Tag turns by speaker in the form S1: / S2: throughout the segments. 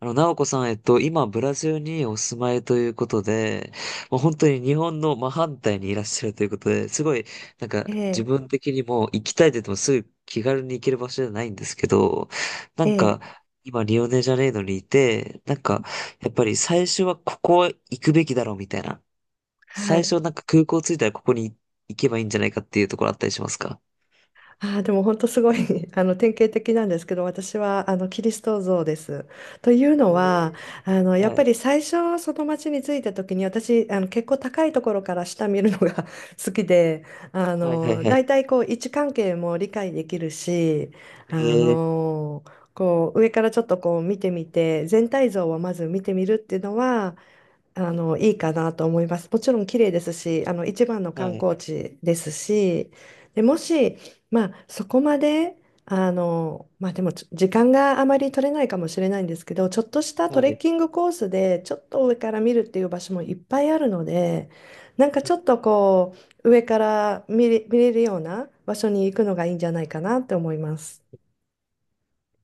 S1: なおこさん、今、ブラジルにお住まいということで、もう本当に日本の真反対にいらっしゃるということで、すごい、なんか、
S2: え
S1: 自
S2: え、
S1: 分的にも行きたいって言ってもすぐ気軽に行ける場所じゃないんですけど、な
S2: え
S1: んか、
S2: え、
S1: 今、リオネジャネイロにいて、なんか、やっぱり最初はここ行くべきだろうみたいな。
S2: は
S1: 最
S2: い。
S1: 初、なんか空港着いたらここに行けばいいんじゃないかっていうところあったりしますか？
S2: ああ、でも本当すごい、 典型的なんですけど、私はあのキリスト像です。というのは、
S1: え
S2: やっ
S1: は
S2: ぱ
S1: い。
S2: り最初その町に着いた時に、私結構高いところから下見るのが 好きで、
S1: はい、はい、は
S2: 大
S1: い。
S2: 体こう位置関係も理解できるし、あ
S1: えー
S2: のこう上からちょっとこう見てみて全体像をまず見てみるっていうのは、いいかなと思います。もちろん綺麗ですし、一番の
S1: は
S2: 観
S1: い。
S2: 光地ですし、で、もし、まあ、そこまで、まあ、でも時間があまり取れないかもしれないんですけど、ちょっとしたト
S1: は
S2: レッ
S1: い。
S2: キングコースで、ちょっと上から見るっていう場所もいっぱいあるので、なんかちょっとこう、上から見れるような場所に行くのがいいんじゃないかなって思います。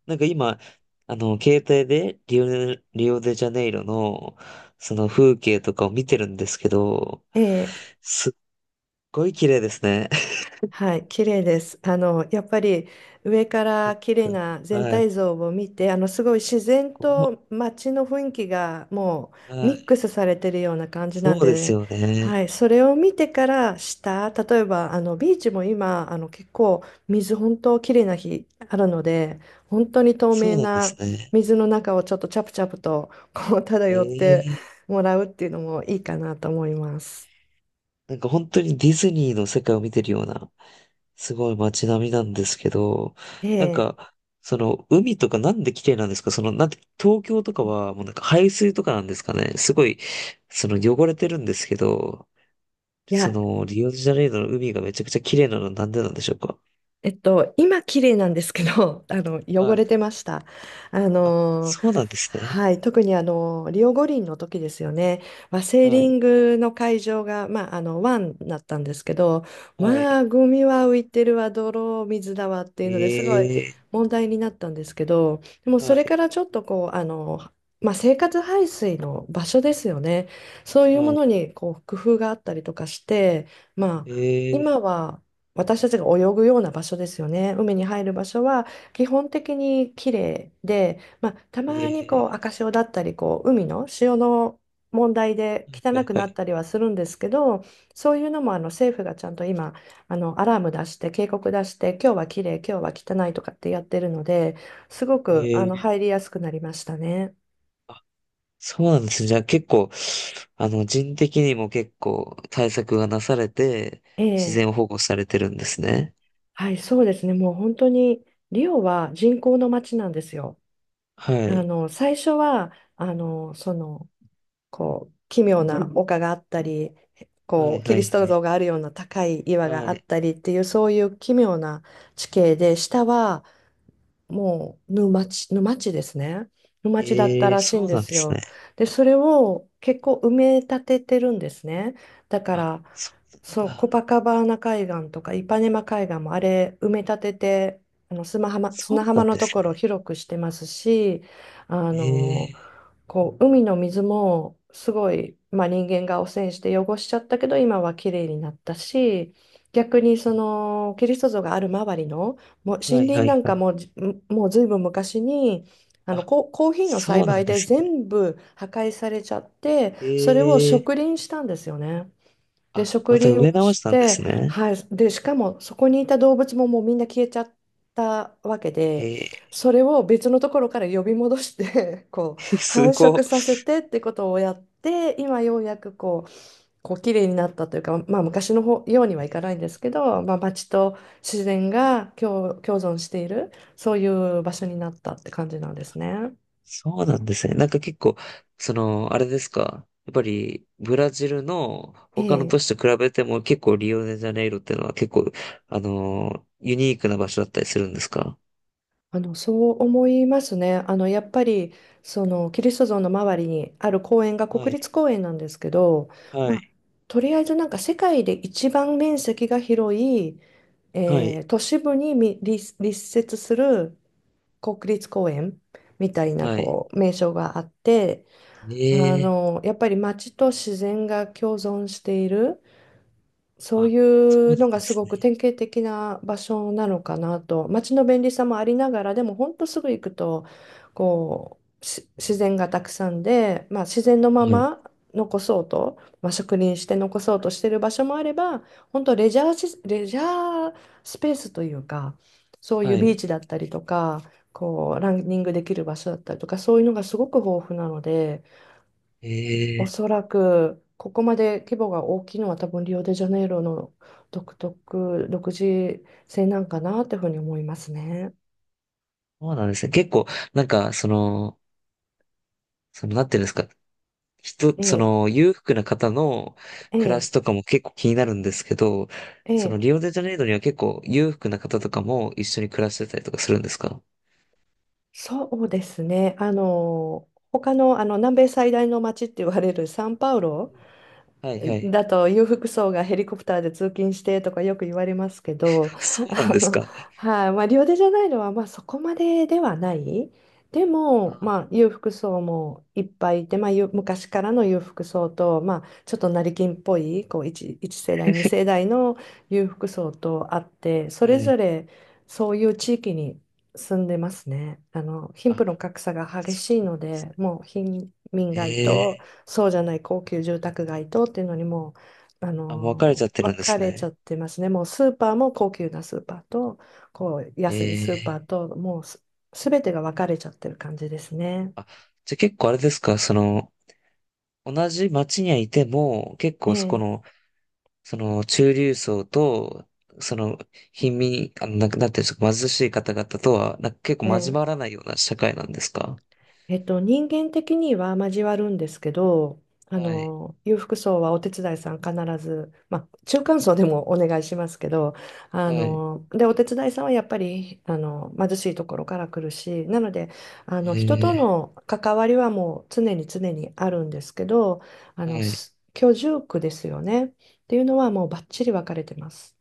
S1: なんか今、携帯でリオデジャネイロの、その風景とかを見てるんですけど、
S2: ええ、
S1: すっごい綺麗ですね。
S2: はい、綺麗です。やっぱり上から綺麗 な全
S1: は
S2: 体
S1: い。
S2: 像を見て、すごい自
S1: すっ
S2: 然
S1: ごい。
S2: と街の雰囲気がもう
S1: は
S2: ミッ
S1: い。
S2: クスされてるような感じな
S1: そ
S2: ん
S1: うです
S2: で、
S1: よね。
S2: はい、それを見てから下、例えばあのビーチも今、結構水本当綺麗な日あるので、本当に透
S1: そ
S2: 明
S1: うなんです
S2: な
S1: ね。
S2: 水の中をちょっとチャプチャプとこう漂って
S1: ええ。
S2: もらうっていうのもいいかなと思います。
S1: なんか本当にディズニーの世界を見てるような、すごい街並みなんですけど、なん
S2: ええ、
S1: か、その海とかなんで綺麗なんですか？その、なんて、東京とかはもうなんか排水とかなんですかね、すごい、その汚れてるんですけど、
S2: い
S1: そ
S2: や、
S1: のリオデジャネイロの海がめちゃくちゃ綺麗なのはなんでなんでしょうか？
S2: 今綺麗なんですけど、汚
S1: はい。
S2: れてました。あ
S1: あ、
S2: のー
S1: そうなんですね。
S2: はい、特にあのリオ五輪の時ですよね、まあ、セー
S1: は
S2: リン
S1: い。
S2: グの会場が、まあ、あの湾だったんですけど、
S1: は
S2: ま
S1: い。
S2: あ、ゴミは浮いてるわ、泥水だわっていうのですごい
S1: ええ、
S2: 問題になったんですけど、でもそ
S1: は
S2: れか
S1: い。
S2: らちょっとこう、まあ、生活排水の場所ですよね、そういうも
S1: は
S2: の
S1: い。
S2: にこう工夫があったりとかして、まあ、
S1: ええ、
S2: 今は私たちが泳ぐような場所ですよね。海に入る場所は基本的に綺麗で、まあ、たまにこう
S1: ええ、
S2: 赤潮だったりこう海の潮の問題で
S1: は
S2: 汚
S1: い。
S2: く
S1: は
S2: なっ
S1: い。
S2: たりはするんですけど、そういうのもあの政府がちゃんと今あのアラーム出して警告出して今日は綺麗今日は汚いとかってやってるので、すごく
S1: ええ。
S2: 入りやすくなりましたね。
S1: そうなんですね。じゃあ結構、人的にも結構対策がなされて、
S2: え
S1: 自
S2: え、
S1: 然を保護されてるんですね。
S2: はい、そうですね。もう本当にリオは人口の街なんですよ。
S1: はい。
S2: 最初はこう奇妙な丘があったり、
S1: は
S2: こ
S1: い、
S2: う
S1: は
S2: キリ
S1: い、
S2: ス
S1: は
S2: ト
S1: い。
S2: 像があるような高い岩
S1: は
S2: があっ
S1: い。
S2: たりっていうそういう奇妙な地形で、下はもう沼地、沼地ですね。沼地だった
S1: ええー、
S2: らしいん
S1: そう
S2: で
S1: なんで
S2: す
S1: すね。
S2: よ。で、それを結構埋め立ててるんですね。だか
S1: あ、
S2: ら、
S1: そう
S2: そ
S1: な
S2: う、
S1: ん
S2: コ
S1: だ。
S2: パカバーナ海岸とかイパネマ海岸もあれ埋め立てて、砂浜、
S1: そう
S2: 砂
S1: な
S2: 浜
S1: ん
S2: の
S1: で
S2: と
S1: す
S2: こ
S1: ね。
S2: ろを広くしてますし、あの
S1: ええ
S2: 海の水もすごい、まあ、人間が汚染して汚しちゃったけど、今はきれいになったし、逆にそのキリスト像がある周りのもう
S1: ー、は
S2: 森
S1: い、
S2: 林
S1: は
S2: な
S1: い、
S2: ん
S1: は
S2: か
S1: い。
S2: ももうずいぶん昔に
S1: あ、
S2: コーヒーの栽
S1: そうなん
S2: 培
S1: で
S2: で
S1: すね。
S2: 全部破壊されちゃって、
S1: え
S2: それを
S1: えー、
S2: 植林したんですよね。で、
S1: あ、
S2: 植
S1: また
S2: 林
S1: 植え
S2: を
S1: 直し
S2: し
S1: たんで
S2: て、
S1: すね。
S2: はい、で、しかもそこにいた動物ももうみんな消えちゃったわけで、
S1: ええ
S2: それを別のところから呼び戻して こう
S1: ー、
S2: 繁
S1: すご
S2: 殖
S1: い。
S2: させてってことをやって、今ようやくこう綺麗になったというか、まあ、昔の方ようにはいかないんですけど、まあ、町と自然が共存しているそういう場所になったって感じなんですね。
S1: そうなんですね。なんか結構、その、あれですか？やっぱり、ブラジルの他の
S2: え
S1: 都
S2: え、
S1: 市と比べても結構リオデジャネイロっていうのは結構、ユニークな場所だったりするんですか？
S2: そう思いますね。やっぱり、その、キリスト像の周りにある公園が
S1: は
S2: 国
S1: い、
S2: 立公園なんですけど、
S1: は
S2: ま
S1: い、
S2: あ、とりあえずなんか世界で一番面積が広い、
S1: はい、
S2: 都市部に立設する国立公園みたいな、
S1: はい。
S2: こう、名称があって、
S1: ええ、
S2: やっぱり街と自然が共存している。そう
S1: あ、
S2: い
S1: そうな
S2: う
S1: ん
S2: のが
S1: で
S2: す
S1: す
S2: ごく
S1: ね。
S2: 典型的な場所なのかなと、街の便利さもありながらでも本当すぐ行くと、こう自然がたくさんで、まあ、自然のま
S1: はい、
S2: ま残そうと、まあ、植林して残そうとしてる場所もあれば、本当レジャースペースというか、そういう
S1: は
S2: ビー
S1: い。
S2: チだったりとかこうランニングできる場所だったりとか、そういうのがすごく豊富なので。お
S1: ええ、
S2: そらく、ここまで規模が大きいのは多分リオデジャネイロの独自性なんかなというふうに思いますね。
S1: そうなんですね。結構、なんか、その、その、なんていうんですか？
S2: え
S1: そ
S2: え、
S1: の裕福な方の
S2: え
S1: 暮ら
S2: え、
S1: しとかも結構気になるんですけど、
S2: え
S1: その
S2: え、
S1: リオデジャネイロには結構裕福な方とかも一緒に暮らしてたりとかするんですか？
S2: そうですね。他の、あの南米最大の街って言われるサンパウロ
S1: はい、はい。
S2: だと、裕福層がヘリコプターで通勤してとかよく言われますけど、
S1: そうなん
S2: あ
S1: です
S2: の、
S1: か。
S2: はい、まあ、リオデジャネイロはまあそこまでではない。でも、まあ、裕福層もいっぱいいて、まあ、昔からの裕福層と、まあ、ちょっと成金っぽいこう1、一世代、2世代の裕福層とあって、そ
S1: は
S2: れぞ
S1: い。
S2: れそういう地域に住んでますね。あの、貧
S1: あ、
S2: 富の格差が激
S1: そ
S2: しい
S1: うなんで
S2: の
S1: す
S2: で、もう貧民街と
S1: ね。ええ、
S2: そうじゃない高級住宅街とっていうのにもう、
S1: あ、もう別れちゃってる
S2: 分
S1: んで
S2: か
S1: す
S2: れちゃ
S1: ね。
S2: ってますね。もうスーパーも高級なスーパーと、こう安い
S1: え
S2: スーパ
S1: え。
S2: ーと、もうすべてが分かれちゃってる感じですね。
S1: あ、じゃあ結構あれですか、その、同じ町にはいても、結
S2: え
S1: 構そこ
S2: え、
S1: の、その中流層と、その貧民、なくなってる貧しい方々とは、なんか結構交
S2: え
S1: わ
S2: え
S1: らないような社会なんですか？
S2: 人間的には交わるんですけど、
S1: はい。
S2: 裕福層はお手伝いさん必ず、まあ、中間層でもお願いしますけど、
S1: はい。
S2: で、お手伝いさんはやっぱり、貧しいところから来るし、なので、人と
S1: え
S2: の関わりはもう常に常にあるんですけど、
S1: はい。
S2: 居住区ですよね。っていうのはもうバッチリ分かれてます。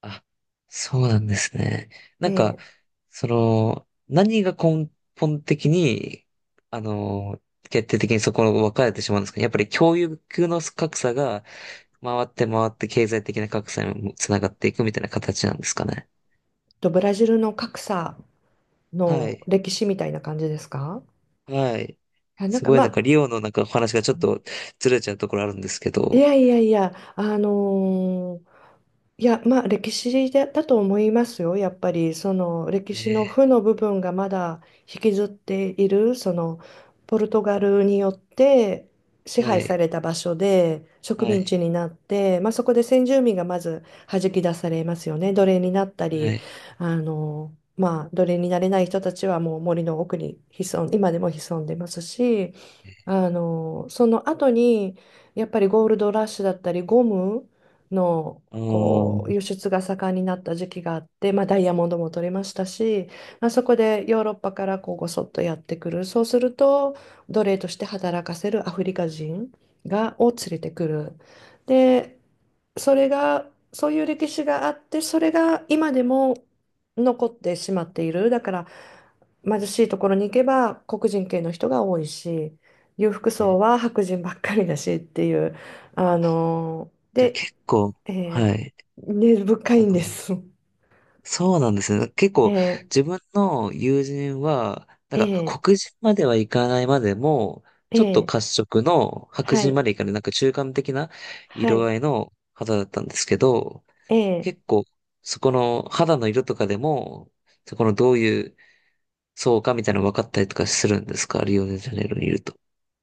S1: あ、そうなんですね。
S2: え
S1: なん
S2: ー
S1: か、
S2: っ
S1: その、何が根本的に、あの、決定的にそこを分かれてしまうんですかね。やっぱり教育の格差が回って回って経済的な格差にもつながっていくみたいな形なんですかね。
S2: ブラジルの格差
S1: は
S2: の
S1: い。
S2: 歴史みたいな感じですか？
S1: はい。
S2: いやなん
S1: す
S2: か
S1: ごい
S2: ま
S1: なんか
S2: あ、
S1: リオのなんかお話がちょっとずれちゃうところあるんですけ
S2: い
S1: ど。
S2: やいやいや、いや、まあ歴史でだと思いますよ。やっぱりその歴史の負
S1: え
S2: の部分がまだ引きずっている、そのポルトガルによって支
S1: は
S2: 配さ
S1: い、
S2: れた場所で植
S1: は
S2: 民地
S1: い、
S2: になって、まあ、そこで先住民がまず弾き出されますよね。奴隷になった
S1: は
S2: り、
S1: い。
S2: あのまあ、奴隷になれない人たちはもう森の奥に今でも潜んでますし。その後にやっぱりゴールドラッシュだったりゴムの
S1: うー
S2: こう
S1: ん。
S2: 輸出が盛んになった時期があって、まあ、ダイヤモンドも取れましたし、まあ、そこでヨーロッパからこうごそっとやってくる、そうすると奴隷として働かせるアフリカ人を連れてくる。で、それがそういう歴史があって、それが今でも残ってしまっている。だから貧しいところに行けば黒人系の人が多いし、裕福層
S1: え
S2: は白人ばっかりだしっていう、
S1: あ、じゃあ
S2: で、
S1: 結構、
S2: え
S1: はい。
S2: 根深
S1: あ
S2: いんで
S1: の、
S2: す。
S1: そうなんですね。結構
S2: え
S1: 自分の友人は、な
S2: ー、
S1: んか
S2: え
S1: 黒人まではいかないまでも、
S2: ー、え
S1: ちょっと褐
S2: ー、
S1: 色の白
S2: は
S1: 人ま
S2: い、
S1: でいかない、なんか中間的な
S2: は
S1: 色
S2: い、
S1: 合いの肌だったんですけど、
S2: えー
S1: 結構そこの肌の色とかでも、そこのどういうそうかみたいなの分かったりとかするんですか？リオデジャネイロにいると。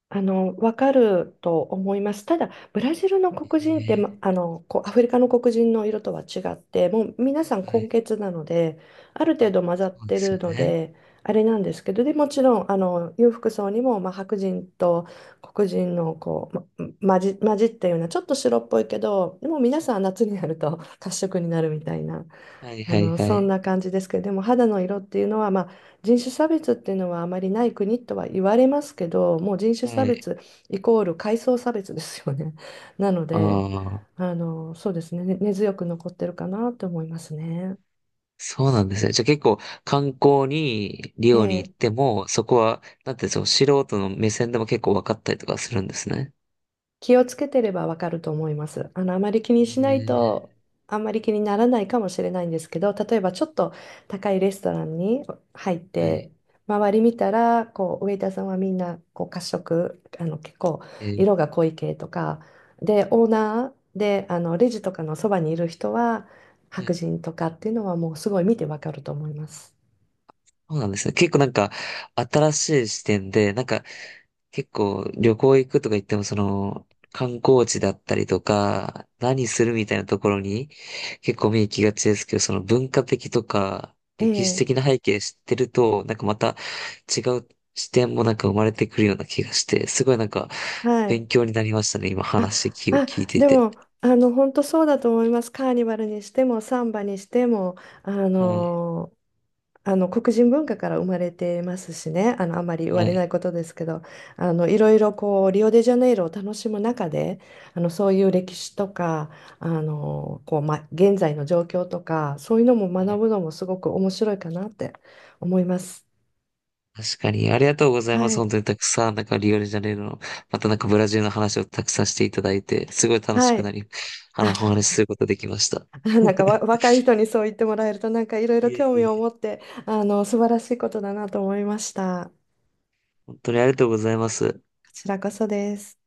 S2: わかると思います。ただ、ブラジルの黒人って、ま、
S1: え
S2: こう、アフリカの黒人の色とは違って、もう皆さん
S1: は
S2: 混
S1: い。
S2: 血なので、ある程度混ざ
S1: そ
S2: っ
S1: うで
S2: て
S1: す
S2: る
S1: よ
S2: の
S1: ね。
S2: で、あれなんですけど、で、もちろん、裕福層にも、まあ、白人と黒人の、こう、ま、混じったような、ちょっと白っぽいけど、でも皆さん夏になると褐色になるみたいな、
S1: はい、はい、は
S2: そん
S1: い。
S2: な感じですけど、でも肌の色っていうのは、まあ、人種差別っていうのはあまりない国とは言われますけど、もう人種差
S1: はい。
S2: 別イコール階層差別ですよね。なの
S1: あ
S2: で、
S1: あ、
S2: そうですね、根強く残ってるかなと思いますね。
S1: そうなんですね。じゃあ結構観光にリオに行
S2: え
S1: っ
S2: え、
S1: ても、そこは、なんてその素人の目線でも結構分かったりとかするんですね。
S2: 気をつけてればわかると思います。あまり気
S1: え
S2: にしない
S1: ー
S2: と、あんまり気にならないかもしれないんですけど、例えばちょっと高いレストランに入っ
S1: はい。
S2: て、周り見たら、こう、ウェイターさんはみんな、こう、褐色、結構、
S1: えー
S2: 色が濃い系とか、で、オーナーで、レジとかのそばにいる人は、
S1: え
S2: 白人とかっていうのはもうすごい見てわかると思います。
S1: そうなんですね。結構なんか新しい視点で、なんか結構旅行行くとか言ってもその観光地だったりとか何するみたいなところに結構目行きがちですけど、その文化的とか
S2: え
S1: 歴史
S2: え、
S1: 的な背景知ってるとなんかまた違う視点もなんか生まれてくるような気がして、すごいなんか
S2: は
S1: 勉
S2: い。
S1: 強になりましたね、今
S2: あ、
S1: 話を
S2: あ、
S1: 聞いてい
S2: で
S1: て。
S2: も、本当そうだと思います。カーニバルにしても、サンバにしても、あ
S1: はい。
S2: の黒人文化から生まれてますしね、あまり言わ
S1: は
S2: れない
S1: い。
S2: ことですけど、いろいろこう、リオデジャネイロを楽しむ中で、そういう歴史とか、こう、ま、現在の状況とか、そういうのも
S1: は
S2: 学
S1: い、
S2: ぶのもすごく面白いかなって思います。
S1: 確かに、ありがとうございま
S2: は
S1: す。
S2: い。
S1: 本当にたくさん、なんかリオデジャネイロの、またなんかブラジルの話をたくさんしていただいて、すごい楽し
S2: は
S1: くな
S2: い。
S1: り、
S2: あ
S1: お話しすることできました。
S2: あ、なんか若い人にそう言ってもらえると、なんかいろいろ
S1: いえ、い
S2: 興
S1: え、
S2: 味
S1: い
S2: を持っ
S1: え、
S2: て、素晴らしいことだなと思いました。
S1: 本当にありがとうございます。
S2: こちらこそです。